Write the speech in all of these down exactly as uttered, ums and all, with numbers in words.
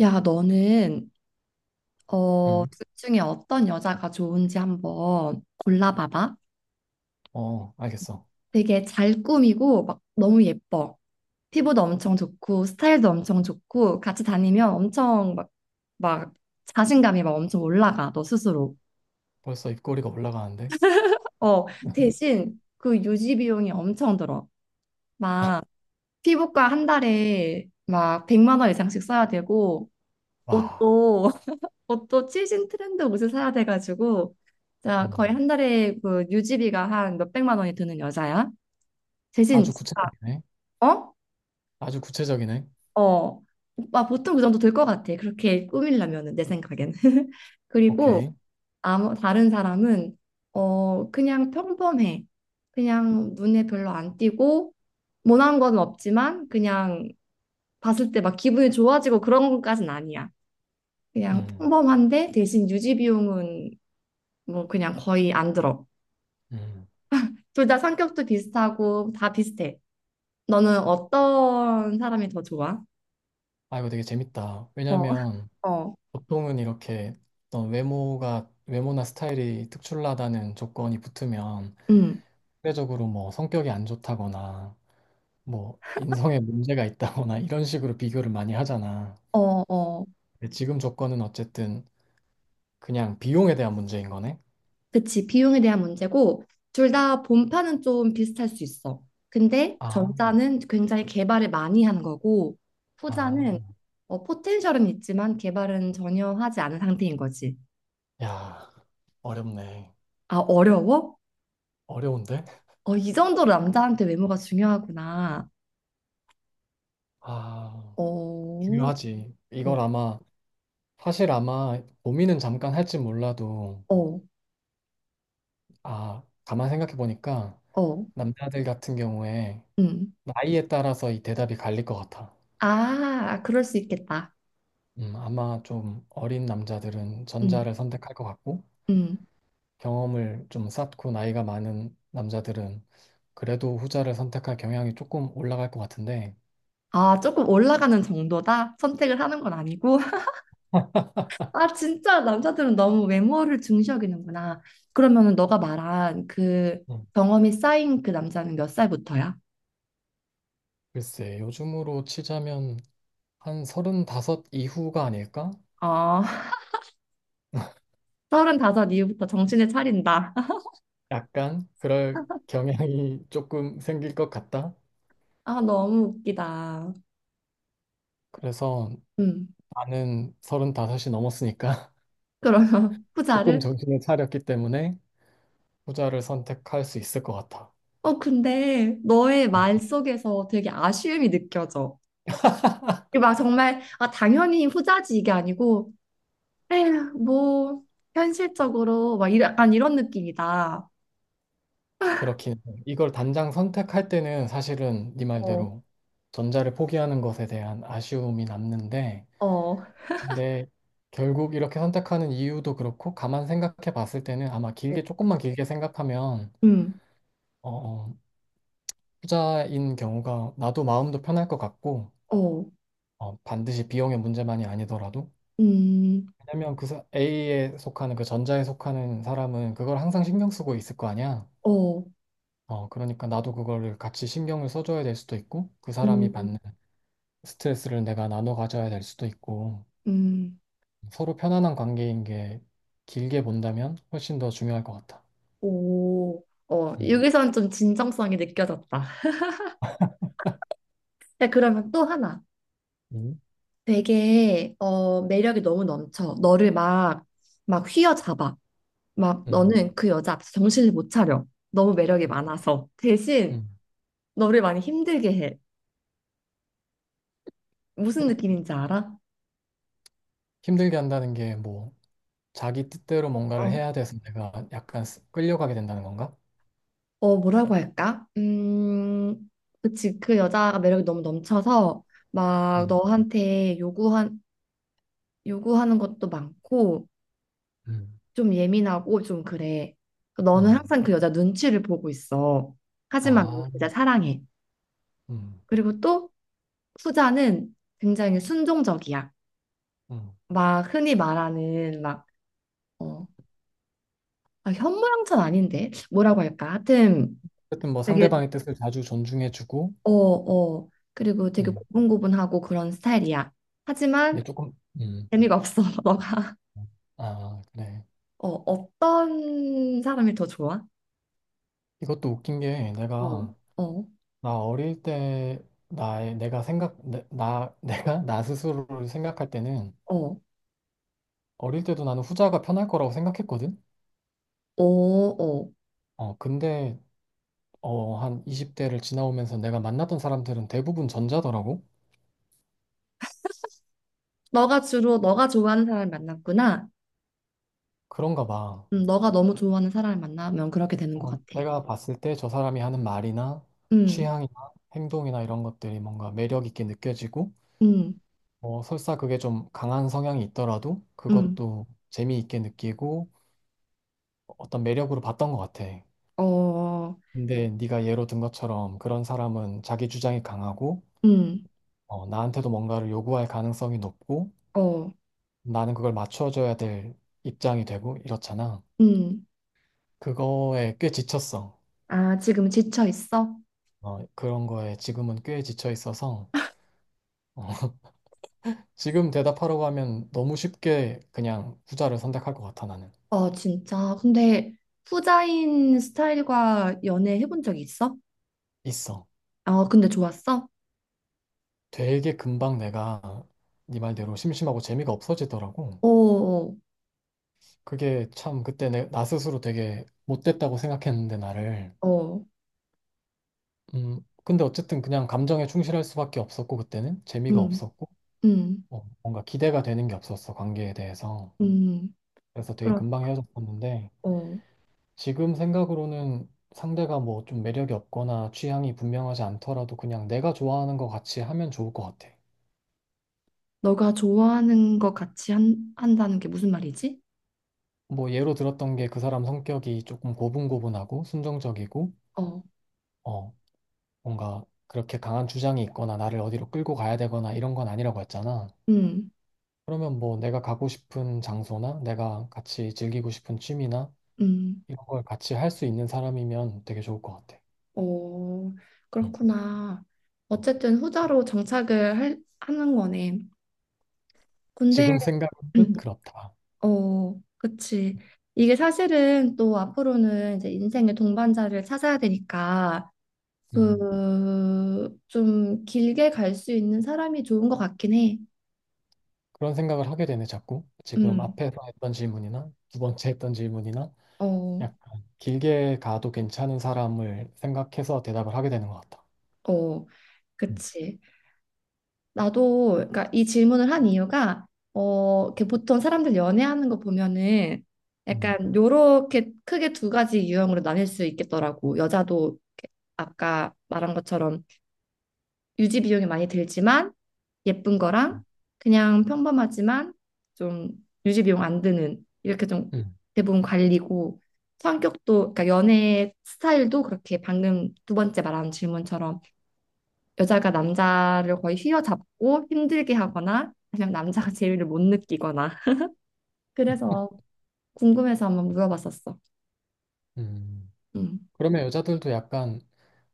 야, 너는 어, 음. 둘 중에 어떤 여자가 좋은지 한번 골라봐봐. 어, 알겠어. 되게 잘 꾸미고 막 너무 예뻐. 피부도 엄청 좋고 스타일도 엄청 좋고 같이 다니면 엄청 막, 막 자신감이 막 엄청 올라가 너 스스로. 벌써 입꼬리가 올라가는데? 어, 대신 그 유지 비용이 엄청 들어. 막 피부과 한 달에 막 백만 원 이상씩 써야 되고 와, 옷도 옷도 시즌 트렌드 옷을 사야 돼가지고 자 거의 음, 한 달에 그 유지비가 한 몇백만 원이 드는 여자야. 대신 아주 진짜. 구체적이네. 어? 아주 구체적이네. 어. 오빠 보통 그 정도 들 것 같아. 그렇게 꾸밀려면은 내 생각엔. 그리고 오케이. 아무 다른 사람은 어 그냥 평범해. 그냥 눈에 별로 안 띄고 모난 건 없지만 그냥 봤을 때 막 기분이 좋아지고 그런 것까진 아니야. 그냥 음. 평범한데 대신 유지 비용은 뭐 그냥 거의 안 들어. 음. 둘 다 성격도 비슷하고 다 비슷해. 너는 어떤 사람이 더 좋아? 아, 이거 되게 재밌다. 어, 왜냐면 어, 보통은 이렇게 어떤 외모가, 외모나 스타일이 특출나다는 조건이 붙으면 음, 상대적으로 뭐 성격이 안 좋다거나 뭐 인성에 문제가 있다거나 이런 식으로 비교를 많이 하잖아. 어, 어. 근데 지금 조건은 어쨌든 그냥 비용에 대한 문제인 거네? 그치. 비용에 대한 문제고, 둘 다 본판은 좀 비슷할 수 있어. 근데 아. 전자는 굉장히 개발을 많이 한 거고, 후자는 아. 어, 포텐셜은 있지만 개발은 전혀 하지 않은 상태인 거지. 야, 어렵네. 아, 어려워? 어려운데? 어, 이 정도로 남자한테 외모가 중요하구나. 아, 어, 중요하지. 어, 이걸 아마, 사실 아마 고민은 잠깐 할지 몰라도, 어, 아, 가만 생각해 보니까 어, 남자들 같은 경우에 음. 나이에 따라서 이 대답이 갈릴 것 같아. 아, 그럴 수 있겠다. 음, 아마 좀 어린 남자들은 음, 전자를 선택할 것 같고, 음. 경험을 좀 쌓고 나이가 많은 남자들은 그래도 후자를 선택할 경향이 조금 올라갈 것 같은데, 아, 조금 올라가는 정도다? 선택을 하는 건 아니고? 아, 진짜 남자들은 너무 외모를 중시여기는구나. 그러면은 너가 말한 그 음, 경험이 쌓인 그 남자는 몇 살부터야? 글쎄, 요즘으로 치자면 한 서른다섯 이후가 아닐까? 어, 서른다섯 이후부터 정신을 차린다. 약간 그럴 경향이 조금 생길 것 같다. 아, 너무 웃기다. 그래서 음, 나는 서른다섯이 넘었으니까 그러면 조금 후자를? 정신을 차렸기 때문에 후자를 선택할 수 있을 것 같아. 어, 근데 너의 음. 말 속에서 되게 아쉬움이 느껴져. 이게 막 정말, 아, 당연히 후자지 이게 아니고, 에휴, 뭐, 현실적으로, 막, 이 약간 이런 느낌이다. 그렇긴 해. 이걸 단장 선택할 때는 사실은 네 어, 말대로 전자를 포기하는 것에 대한 아쉬움이 남는데, 어, 어, 근데 결국 이렇게 선택하는 이유도 그렇고 가만 생각해 봤을 때는 아마 길게 조금만 길게 생각하면 음, 어, 어, 투자인 경우가 나도 마음도 편할 것 같고 어, 어, 반드시 비용의 문제만이 아니더라도 음, 왜냐면 그 사- A에 속하는 그 전자에 속하는 사람은 그걸 항상 신경 쓰고 있을 거 아니야. 어, 어, 그러니까 나도 그거를 같이 신경을 써줘야 될 수도 있고 그 사람이 받는 음, 스트레스를 내가 나눠 가져야 될 수도 있고 음, 서로 편안한 관계인 게 길게 본다면 훨씬 더 중요할 것 같아. 오, 어, 음. 여기서는 좀 진정성이 느껴졌다. 자, 그러면 또 하나. 음. 되게, 어, 매력이 너무 넘쳐. 너를 막, 막 휘어잡아. 막, 음. 너는 그 여자 앞에서 정신을 못 차려. 너무 매력이 많아서. 대신, 음. 너를 많이 힘들게 해. 무슨 느낌인지 알아? 힘들게 한다는 게뭐 자기 뜻대로 뭔가를 어, 해야 돼서 내가 약간 스- 끌려가게 된다는 건가? 어, 뭐라고 할까? 음, 그치. 그 여자가 매력이 너무 넘쳐서 막 음. 너한테 요구한, 요구하는 것도 많고 음. 좀 예민하고 좀 그래. 그러니까 너는 음. 항상 그 여자 눈치를 보고 있어. 하지만 너는 아. 그 여자 사랑해. 음. 그리고 또 후자는 굉장히 순종적이야. 음. 막 흔히 말하는 막, 어, 아, 현모양처는 아닌데? 뭐라고 할까? 하여튼 어쨌든 뭐 되게, 상대방의 뜻을 자주 존중해주고, 어, 어. 그리고 되게 음. 고분고분하고 그런 스타일이야. 근데 하지만 조금. 음. 재미가 없어. 너가 아, 그래. 어, 어떤 사람이 더 좋아? 이것도 웃긴 게 어, 내가 어, 나 어릴 때 나의 내가 생각 내, 나 내가 나 스스로를 생각할 때는 어, 어릴 때도 나는 후자가 편할 거라고 생각했거든. 어, 어. 어, 근데 어, 한 이십 대를 지나오면서 내가 만났던 사람들은 대부분 전자더라고. 너가 주로 너가 좋아하는 사람을 만났구나. 그런가 봐. 음, 너가 너무 좋아하는 사람을 만나면 그렇게 되는 것 어, 같아. 내가 봤을 때 저 사람이 하는 말이나 음, 취향이나 행동이나 이런 것들이 뭔가 매력 있게 느껴지고, 음, 뭐 설사 그게 좀 강한 성향이 있더라도 음, 그것도 재미있게 느끼고 어떤 매력으로 봤던 것 같아. 어, 근데 네가 예로 든 것처럼 그런 사람은 자기 주장이 강하고, 음, 어, 나한테도 뭔가를 요구할 가능성이 높고, 어, 나는 그걸 맞춰줘야 될 입장이 되고 이렇잖아. 음. 그거에 꽤 지쳤어. 아, 지금 지쳐 있어? 어, 그런 거에 지금은 꽤 지쳐 있어서. 어, 지금 대답하라고 하면 너무 쉽게 그냥 후자를 선택할 것 같아, 나는. 어, 진짜. 근데 후자인 스타일과 연애 해본 적 있어? 있어. 어, 근데 좋았어? 되게 금방 내가 네 말대로 심심하고 재미가 없어지더라고. 어, 어, 그게 참 그때 내, 나 스스로 되게 못됐다고 생각했는데, 나를. 어, 음, 근데 어쨌든 그냥 감정에 충실할 수밖에 없었고, 그때는 재미가 음, 없었고, 음, 어, 뭔가 기대가 되는 게 없었어, 관계에 대해서. 음. 그래서 되게 그런. 금방 헤어졌었는데, 어. 지금 생각으로는 상대가 뭐 좀 매력이 없거나 취향이 분명하지 않더라도 그냥 내가 좋아하는 거 같이 하면 좋을 것 같아. 너가 좋아하는 거 같이 한, 한다는 게 무슨 말이지? 뭐 예로 들었던 게 그 사람 성격이 조금 고분고분하고 순정적이고, 어, 어, 뭔가 그렇게 강한 주장이 있거나 나를 어디로 끌고 가야 되거나 이런 건 아니라고 했잖아. 음, 그러면 뭐 내가 가고 싶은 장소나 내가 같이 즐기고 싶은 취미나 음, 이런 걸 같이 할 수 있는 사람이면 되게 좋을 것 같아. 어, 음. 그렇구나. 어쨌든 후자로 정착을 할, 하는 거네. 근데, 지금 생각은 그렇다. 어, 그치. 이게 사실은 또 앞으로는 이제 인생의 동반자를 찾아야 되니까, 음. 그, 좀 길게 갈 수 있는 사람이 좋은 것 같긴 해. 그런 생각을 하게 되네, 자꾸. 지금 음, 앞에서 했던 질문이나 두 번째 했던 질문이나 어, 약간 길게 가도 괜찮은 사람을 생각해서 대답을 하게 되는 것 같다. 어, 음. 그치. 나도 그러니까 이 질문을 한 이유가 어, 이렇게 보통 사람들 연애하는 거 보면은 음. 약간 요렇게 크게 두 가지 유형으로 나뉠 수 있겠더라고. 여자도 이렇게 아까 말한 것처럼 유지 비용이 많이 들지만 예쁜 거랑 그냥 평범하지만 좀 유지 비용 안 드는 이렇게 좀 음. 대부분 관리고 성격도 그러니까 연애 스타일도 그렇게 방금 두 번째 말한 질문처럼 여자가 남자를 거의 휘어잡고 힘들게 하거나 아니면 남자가 재미를 못 느끼거나 그래서 궁금해서 한번 물어봤었어. 음. 음. 그러면 여자들도 약간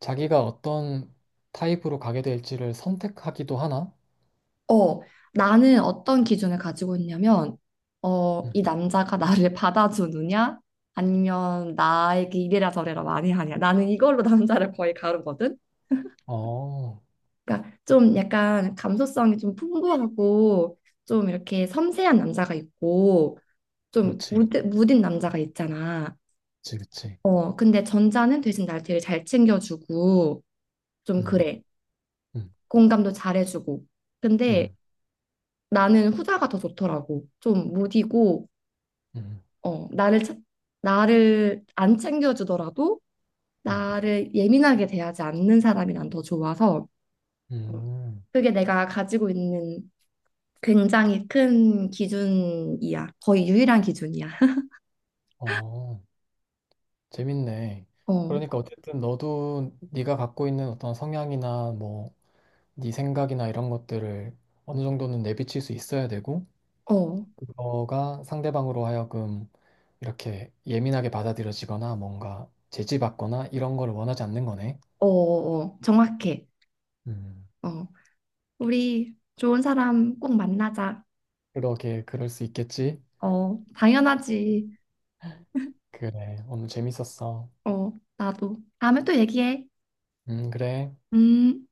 자기가 어떤 타입으로 가게 될지를 선택하기도 하나? 어, 나는 어떤 기준을 가지고 있냐면 어, 음. 이 남자가 나를 받아주느냐 아니면 나에게 이래라 저래라 많이 하냐 나는 이걸로 남자를 거의 가르거든. 어, 그러니까 좀 약간 감수성이 좀 풍부하고 좀 이렇게 섬세한 남자가 있고 좀 그렇지. 무드, 그 무딘 남자가 있잖아. 지 그치. 어, 근데 전자는 대신 날 되게 잘 챙겨주고, 좀 음. 그래. 음. 공감도 잘해주고. 근데 음. 나는 후자가 더 좋더라고. 좀 무디고, 음. 어, 나를, 차- 나를 안 챙겨주더라도 음. 음. 나를 예민하게 대하지 않는 사람이 난 더 좋아서, 어, 음. 그게 내가 가지고 있는 굉장히 큰 기준이야. 거의 유일한 기준이야. 어. 재밌네. 어, 그러니까 어쨌든 너도 네가 갖고 있는 어떤 성향이나 뭐 네 생각이나 이런 것들을 어느 정도는 내비칠 수 있어야 되고 어, 그거가 상대방으로 하여금 이렇게 예민하게 받아들여지거나 뭔가 제지받거나 이런 걸 원하지 않는 거네. 어, 어, 정확해. 음. 어, 우리 좋은 사람 꼭 만나자. 그러게 그럴 수 있겠지. 어, 당연하지. 그래. 오늘 재밌었어. 어, 나도. 다음에 또 얘기해. 음, 그래. 음.